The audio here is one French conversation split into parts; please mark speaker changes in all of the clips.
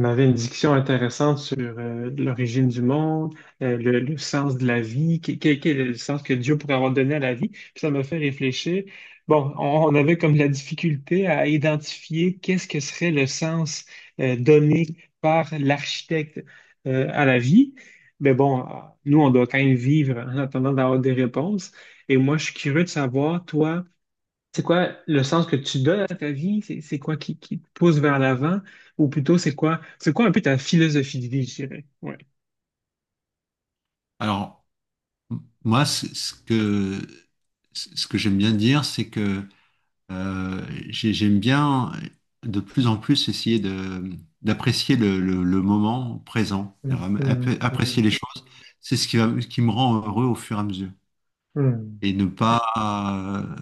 Speaker 1: On avait une discussion intéressante sur l'origine du monde, le sens de la vie, quel est le sens que Dieu pourrait avoir donné à la vie. Puis ça m'a fait réfléchir. Bon, on avait comme la difficulté à identifier qu'est-ce que serait le sens donné par l'architecte à la vie. Mais bon, nous, on doit quand même vivre en attendant d'avoir des réponses. Et moi, je suis curieux de savoir, toi, c'est quoi le sens que tu donnes à ta vie? C'est quoi qui te pousse vers l'avant? Ou plutôt, c'est quoi un peu ta philosophie de vie, je dirais? Ouais.
Speaker 2: Alors, m- moi, c- ce que j'aime bien dire, c'est que euh, j'aime bien de plus en plus essayer d'apprécier le moment présent,
Speaker 1: Hum,
Speaker 2: c'est-à-dire
Speaker 1: hum,
Speaker 2: apprécier
Speaker 1: hum,
Speaker 2: les choses. C'est ce qui me rend heureux au fur et à mesure. Et ne pas euh,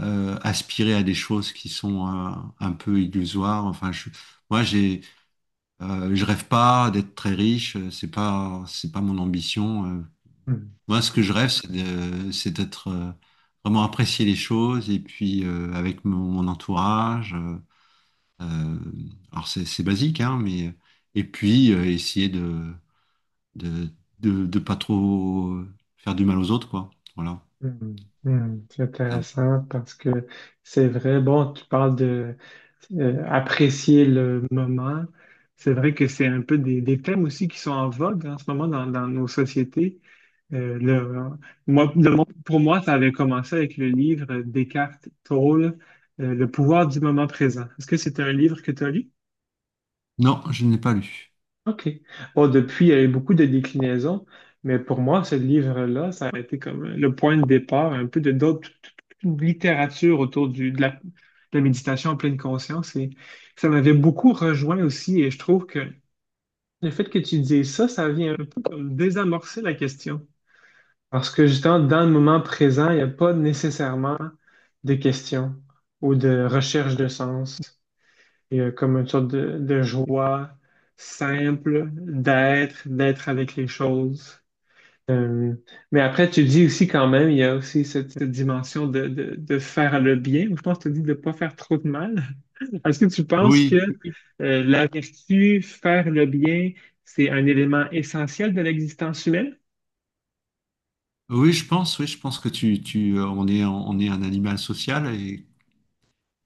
Speaker 2: euh, aspirer à des choses qui sont un peu illusoires. Enfin, moi, je rêve pas d'être très riche. C'est pas mon ambition. euh,
Speaker 1: hum,
Speaker 2: Moi, ce que je rêve, c'est d'être vraiment apprécier les choses et puis avec mon entourage. Euh, alors c'est basique, hein, mais et puis essayer de de pas trop faire du mal aux autres, quoi. Voilà.
Speaker 1: C'est
Speaker 2: Ah, bon.
Speaker 1: intéressant parce que c'est vrai, bon, tu parles de apprécier le moment. C'est vrai que c'est un peu des thèmes aussi qui sont en vogue en ce moment dans nos sociétés. Euh, le- moi, pour moi, ça avait commencé avec le livre Descartes, Toll, Le pouvoir du moment présent. Est-ce que c'est un livre que tu as lu?
Speaker 2: Non, je ne l'ai pas lu.
Speaker 1: OK. Bon, depuis, il y a eu beaucoup de déclinaisons, mais pour moi, ce livre-là, ça a été comme le point de départ un peu de d'autres toute une littérature autour de la méditation en pleine conscience. Et ça m'avait beaucoup rejoint aussi, et je trouve que le fait que tu dises ça, ça vient un peu comme désamorcer la question. Parce que justement, dans le moment présent, il n'y a pas nécessairement de questions ou de recherche de sens. Il y a comme une sorte de joie simple d'être, d'être avec les choses. Euh, mais après, tu dis aussi quand même, il y a aussi cette dimension de faire le bien, ou je pense que tu dis de ne pas faire trop de mal. Est-ce que tu penses que
Speaker 2: Oui,
Speaker 1: la vertu, faire le bien, c'est un élément essentiel de l'existence humaine?
Speaker 2: oui, je pense, oui, je pense que tu tu on est un animal social,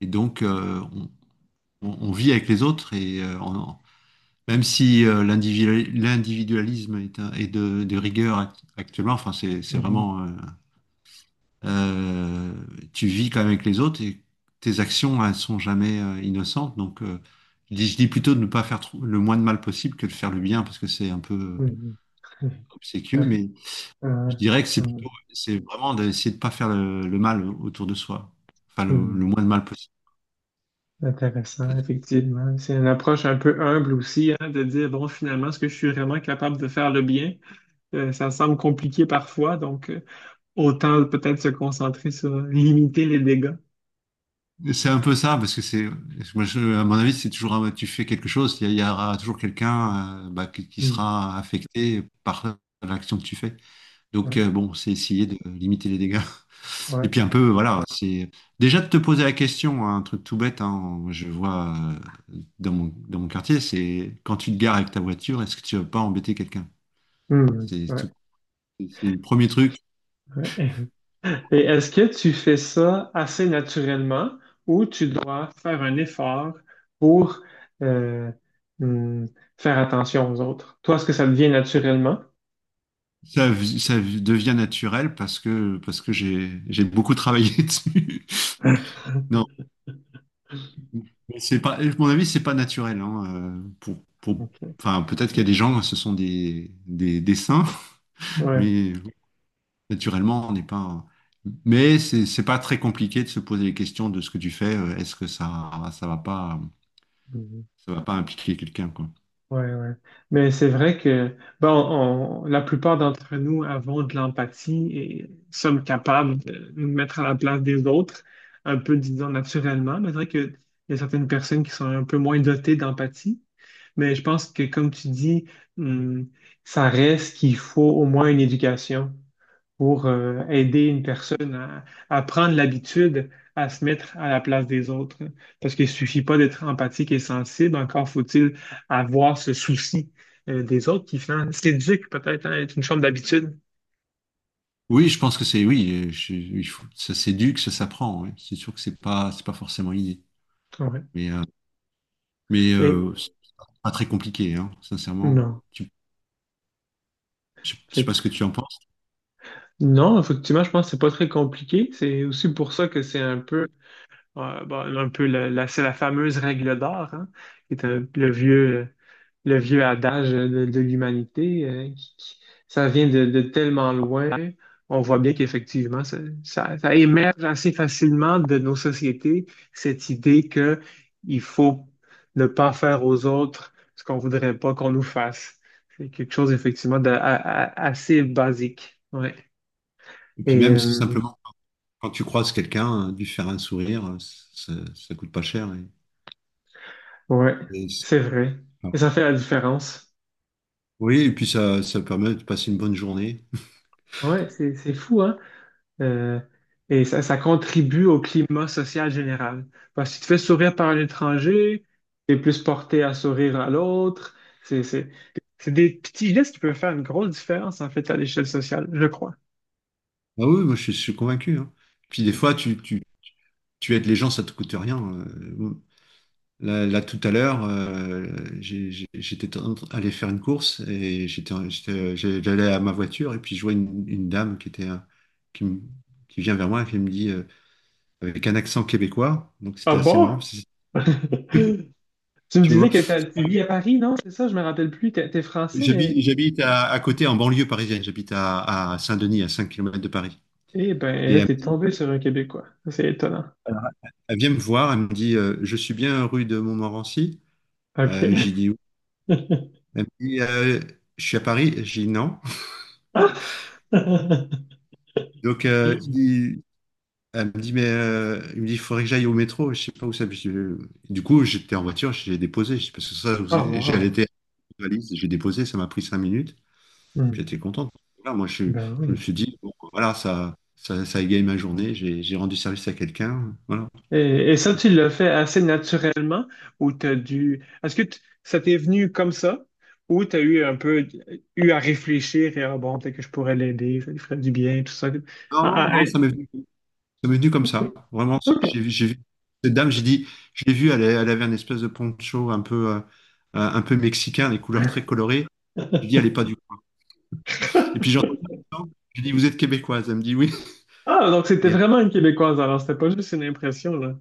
Speaker 2: et donc on vit avec les autres et même si l'individualisme est, est de rigueur actuellement, enfin c'est
Speaker 1: Mhm.
Speaker 2: vraiment euh, tu vis quand même avec les autres, et tes actions elles sont jamais innocentes. Donc je dis plutôt de ne pas le moins de mal possible que de faire le bien, parce que c'est un peu
Speaker 1: Mhm.
Speaker 2: obséquieux. Mais
Speaker 1: Ouais,
Speaker 2: je dirais que c'est
Speaker 1: ouais,
Speaker 2: plutôt, c'est vraiment d'essayer de ne pas faire le mal autour de soi, enfin le
Speaker 1: hmm.
Speaker 2: moins de mal possible.
Speaker 1: Intéressant, effectivement. C'est une approche un peu humble aussi, hein, de dire, bon, finalement, est-ce que je suis vraiment capable de faire le bien? Ça semble compliqué parfois, donc autant peut-être se concentrer sur limiter les dégâts.
Speaker 2: C'est un peu ça, parce que à mon avis, c'est toujours, tu fais quelque chose, il y aura toujours quelqu'un, bah, qui
Speaker 1: Hmm.
Speaker 2: sera affecté par l'action que tu fais. Donc,
Speaker 1: Ouais,
Speaker 2: bon, c'est essayer de limiter les dégâts.
Speaker 1: ouais,
Speaker 2: Et puis, un peu, voilà, c'est déjà de te poser la question, hein. Un truc tout bête, hein, je vois dans mon quartier, c'est quand tu te gares avec ta voiture, est-ce que tu vas pas embêter quelqu'un?
Speaker 1: hmm,
Speaker 2: C'est
Speaker 1: ouais,
Speaker 2: tout, c'est le premier truc.
Speaker 1: ouais. Et est-ce que tu fais ça assez naturellement ou tu dois faire un effort pour euh, hmm, faire attention aux autres? Toi, est-ce que ça devient naturellement?
Speaker 2: Ça, ça devient naturel parce que j'ai beaucoup travaillé dessus. Non, mais c'est pas, à mon avis, c'est pas naturel, hein, pour,
Speaker 1: Ok.
Speaker 2: enfin, peut-être qu'il y a des gens, ce sont des saints,
Speaker 1: Ouais.
Speaker 2: mais naturellement, on n'est pas. Mais c'est pas très compliqué de se poser les questions de ce que tu fais. Est-ce que
Speaker 1: Mhm.
Speaker 2: ça va pas impliquer quelqu'un, quoi.
Speaker 1: Ouais, ouais. Mais c'est vrai que bon, la plupart d'entre nous avons de l'empathie et sommes capables de nous mettre à la place des autres, un peu, disons, naturellement. Mais c'est vrai qu'il y a certaines personnes qui sont un peu moins dotées d'empathie. Mais je pense que, comme tu dis, hum, ça reste qu'il faut au moins une éducation pour aider une personne à prendre l'habitude à se mettre à la place des autres. Parce qu'il suffit pas d'être empathique et sensible, encore faut-il avoir ce souci des autres qui finalement s'éduque peut-être à être une forme d'habitude.
Speaker 2: Oui, je pense que c'est oui. Ça s'éduque, ça s'apprend, oui. C'est sûr que c'est pas forcément inné.
Speaker 1: Ouais.
Speaker 2: Mais,
Speaker 1: Et
Speaker 2: c'est pas très compliqué, hein, sincèrement.
Speaker 1: non.
Speaker 2: Je sais
Speaker 1: Fait
Speaker 2: pas ce que tu en penses.
Speaker 1: non, effectivement, je pense que c'est pas très compliqué. C'est aussi pour ça que c'est un peu, bon, un peu c'est la fameuse règle d'or, hein, qui est un- le vieux, euh, le vieux adage de l'humanité, ça vient de tellement loin. On voit bien qu'effectivement, ça, ça émerge assez facilement de nos sociétés, cette idée que il faut ne pas faire aux autres ce qu'on voudrait pas qu'on nous fasse. C'est quelque chose, effectivement, assez basique. Ouais.
Speaker 2: Et puis
Speaker 1: Et
Speaker 2: même c'est simplement, quand tu croises quelqu'un, lui faire un sourire, ça, ça coûte pas cher, et-
Speaker 1: ouais,
Speaker 2: et ça,
Speaker 1: c'est vrai.
Speaker 2: enfin,
Speaker 1: Et ça fait la différence.
Speaker 2: oui, et puis ça permet de passer une bonne journée.
Speaker 1: Ouais, c'est fou, hein. Euh, et ça, ça contribue au climat social général. Parce que si tu fais sourire par un étranger, tu es plus porté à sourire à l'autre. C'est, c'est, c'est des petits gestes qui peuvent faire une grosse différence, en fait, à l'échelle sociale, je crois.
Speaker 2: Ah oui, je suis convaincu, hein. Puis des fois, tu aides les gens, ça te coûte rien. Euh. Là, là, tout à l'heure, j'étais en train d'aller faire une course, et j'allais à ma voiture, et puis je vois une dame qui était, qui, me- qui vient vers moi et qui me dit, avec un accent québécois. Donc
Speaker 1: Ah
Speaker 2: c'était assez
Speaker 1: bon?
Speaker 2: marrant, parce que,
Speaker 1: Tu me
Speaker 2: tu vois,
Speaker 1: disais que
Speaker 2: c'est pas
Speaker 1: tu
Speaker 2: arrivé.
Speaker 1: vis à Paris, non? C'est ça, je me rappelle plus. T'es français, mais...
Speaker 2: J'habite à côté en banlieue parisienne. J'habite à Saint-Denis, à 5 kilomètres de Paris.
Speaker 1: Eh ben,
Speaker 2: Et
Speaker 1: là,
Speaker 2: elle,
Speaker 1: t'es tombé sur un Québécois. Ça, c'est étonnant.
Speaker 2: elle vient me voir, elle me dit, je suis bien rue de Montmorency. J'ai
Speaker 1: OK.
Speaker 2: dit oui. Elle me dit, je suis à Paris. J'ai dit non. Donc, je dis, elle me dit, mais il me dit, il faudrait que j'aille au métro, je sais pas où ça. Du coup, j'étais en voiture, j'ai déposé, Je parce que ça, vous-
Speaker 1: Ah,
Speaker 2: j'ai
Speaker 1: wow.
Speaker 2: allaité la valise, j'ai déposé, ça m'a pris 5 minutes,
Speaker 1: Hmm.
Speaker 2: puis j'étais contente. Voilà,
Speaker 1: Ben
Speaker 2: je me
Speaker 1: oui.
Speaker 2: suis dit, bon, voilà, ça égaye ma journée, j'ai rendu service à quelqu'un, voilà.
Speaker 1: Et ça,
Speaker 2: Et
Speaker 1: tu l'as fait assez naturellement ou t'as dû... Est-ce que ça t'est venu comme ça ou t'as eu un peu eu à réfléchir et ah bon, peut-être que je pourrais l'aider, ça lui ferait du bien, tout ça.
Speaker 2: non,
Speaker 1: Ah, ah,
Speaker 2: non, ça m'est venu comme
Speaker 1: ah,
Speaker 2: ça, vraiment.
Speaker 1: OK.
Speaker 2: J'ai vu cette dame, je l'ai vue, elle avait un espèce de poncho un peu mexicain, des couleurs très colorées, j'ai dit, elle est pas du... Et puis j'entends ça. Je dis, vous êtes québécoise? Elle me dit oui.
Speaker 1: Ah, donc c'était
Speaker 2: Et
Speaker 1: vraiment une Québécoise alors, c'était pas juste une impression, là.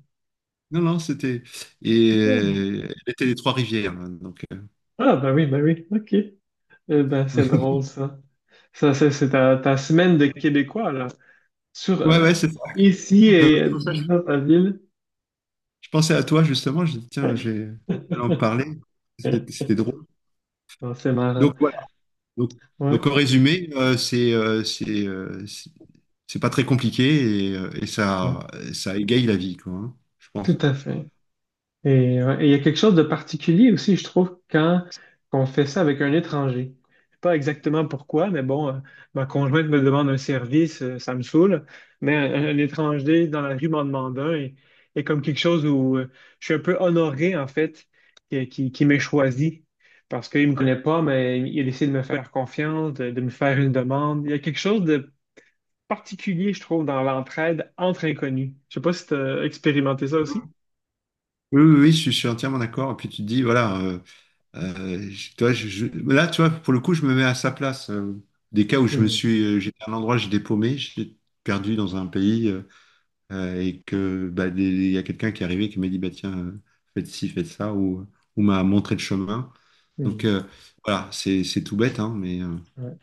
Speaker 2: non, non, c'était. Et elle était des Trois-Rivières, hein, donc. Euh,
Speaker 1: Ah, ben oui, OK. Eh ben, c'est drôle, ça. Ça, c'est ta, ta semaine de Québécois, là. Sur,
Speaker 2: Ouais, ouais, c'est ça.
Speaker 1: ici
Speaker 2: Non,
Speaker 1: et
Speaker 2: c'est pour ça que
Speaker 1: dans ta ville.
Speaker 2: je pensais à toi, justement. Je dis, tiens, je vais en parler. C'était drôle.
Speaker 1: Non, c'est marrant.
Speaker 2: Donc, voilà. Donc,
Speaker 1: Ouais,
Speaker 2: donc, en résumé, c'est pas très compliqué, et et
Speaker 1: ouais,
Speaker 2: ça égaye la vie, quoi, hein, je
Speaker 1: tout
Speaker 2: pense.
Speaker 1: à fait. Et ouais, et il y a quelque chose de particulier aussi, je trouve, quand on fait ça avec un étranger. Je sais pas exactement pourquoi, mais bon, ma conjointe me demande un service, ça me saoule, mais un étranger dans la rue m'en demande un et comme quelque chose où je suis un peu honoré, en fait, qui m'ait choisi parce qu'il me connaît pas, mais il a décidé de me faire confiance, de me faire une demande. Il y a quelque chose de particulier, je trouve, dans l'entraide entre inconnus. Je sais pas si tu as expérimenté ça aussi.
Speaker 2: Oui, je suis entièrement d'accord. Et puis, tu te dis, voilà. Euh, je- tu vois, je- je- Là, tu vois, pour le coup, je me mets à sa place. Des cas où
Speaker 1: Mhm,
Speaker 2: j'étais à un endroit, j'ai dépaumé, j'étais perdu dans un pays, et que bah, il y a quelqu'un qui est arrivé qui m'a dit bah tiens, faites ci, faites ça, ou m'a montré le chemin. Donc
Speaker 1: mhm.
Speaker 2: voilà, c'est tout bête, hein, mais
Speaker 1: Ouais.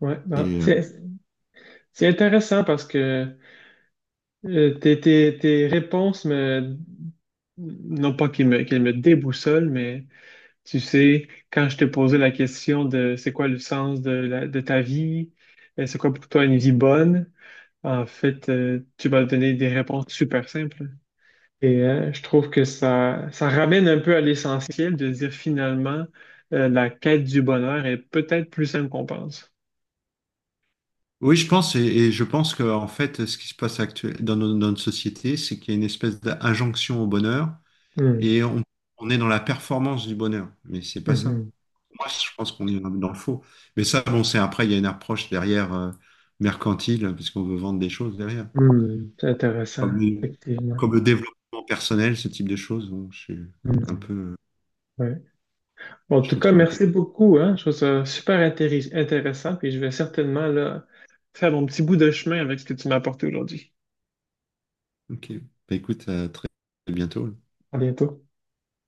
Speaker 1: Ouais, ben,
Speaker 2: et, euh,
Speaker 1: c'est intéressant parce que tes réponses non pas qu'elles qu'elles me déboussolent, mais tu sais, quand je t'ai posé la question de c'est quoi le sens de ta vie, c'est quoi pour toi une vie bonne, en fait, tu m'as donné des réponses super simples. Et je trouve que ça ramène un peu à l'essentiel de dire finalement, la quête du bonheur est peut-être plus simple qu'on pense.
Speaker 2: oui, je pense, et je pense que en fait, ce qui se passe actuellement dans no- dans notre société, c'est qu'il y a une espèce d'injonction au bonheur, et on est dans la performance du bonheur, mais c'est pas ça.
Speaker 1: Hmm.
Speaker 2: Moi, je pense qu'on est dans le faux. Mais ça, bon, c'est, après, il y a une approche derrière mercantile, parce qu'on veut vendre des choses derrière.
Speaker 1: Hmm, c'est intéressant,
Speaker 2: Comme, le
Speaker 1: effectivement.
Speaker 2: Comme le développement personnel, ce type de choses, bon, je suis un
Speaker 1: Hmm,
Speaker 2: peu,
Speaker 1: ouais. Bon, en
Speaker 2: je
Speaker 1: tout
Speaker 2: trouve
Speaker 1: cas,
Speaker 2: ça un peu...
Speaker 1: merci beaucoup, hein. Je trouve ça super intéressant, puis je vais certainement là, faire mon petit bout de chemin avec ce que tu m'as apporté aujourd'hui.
Speaker 2: OK. Bah, écoute, à très bientôt.
Speaker 1: À bientôt.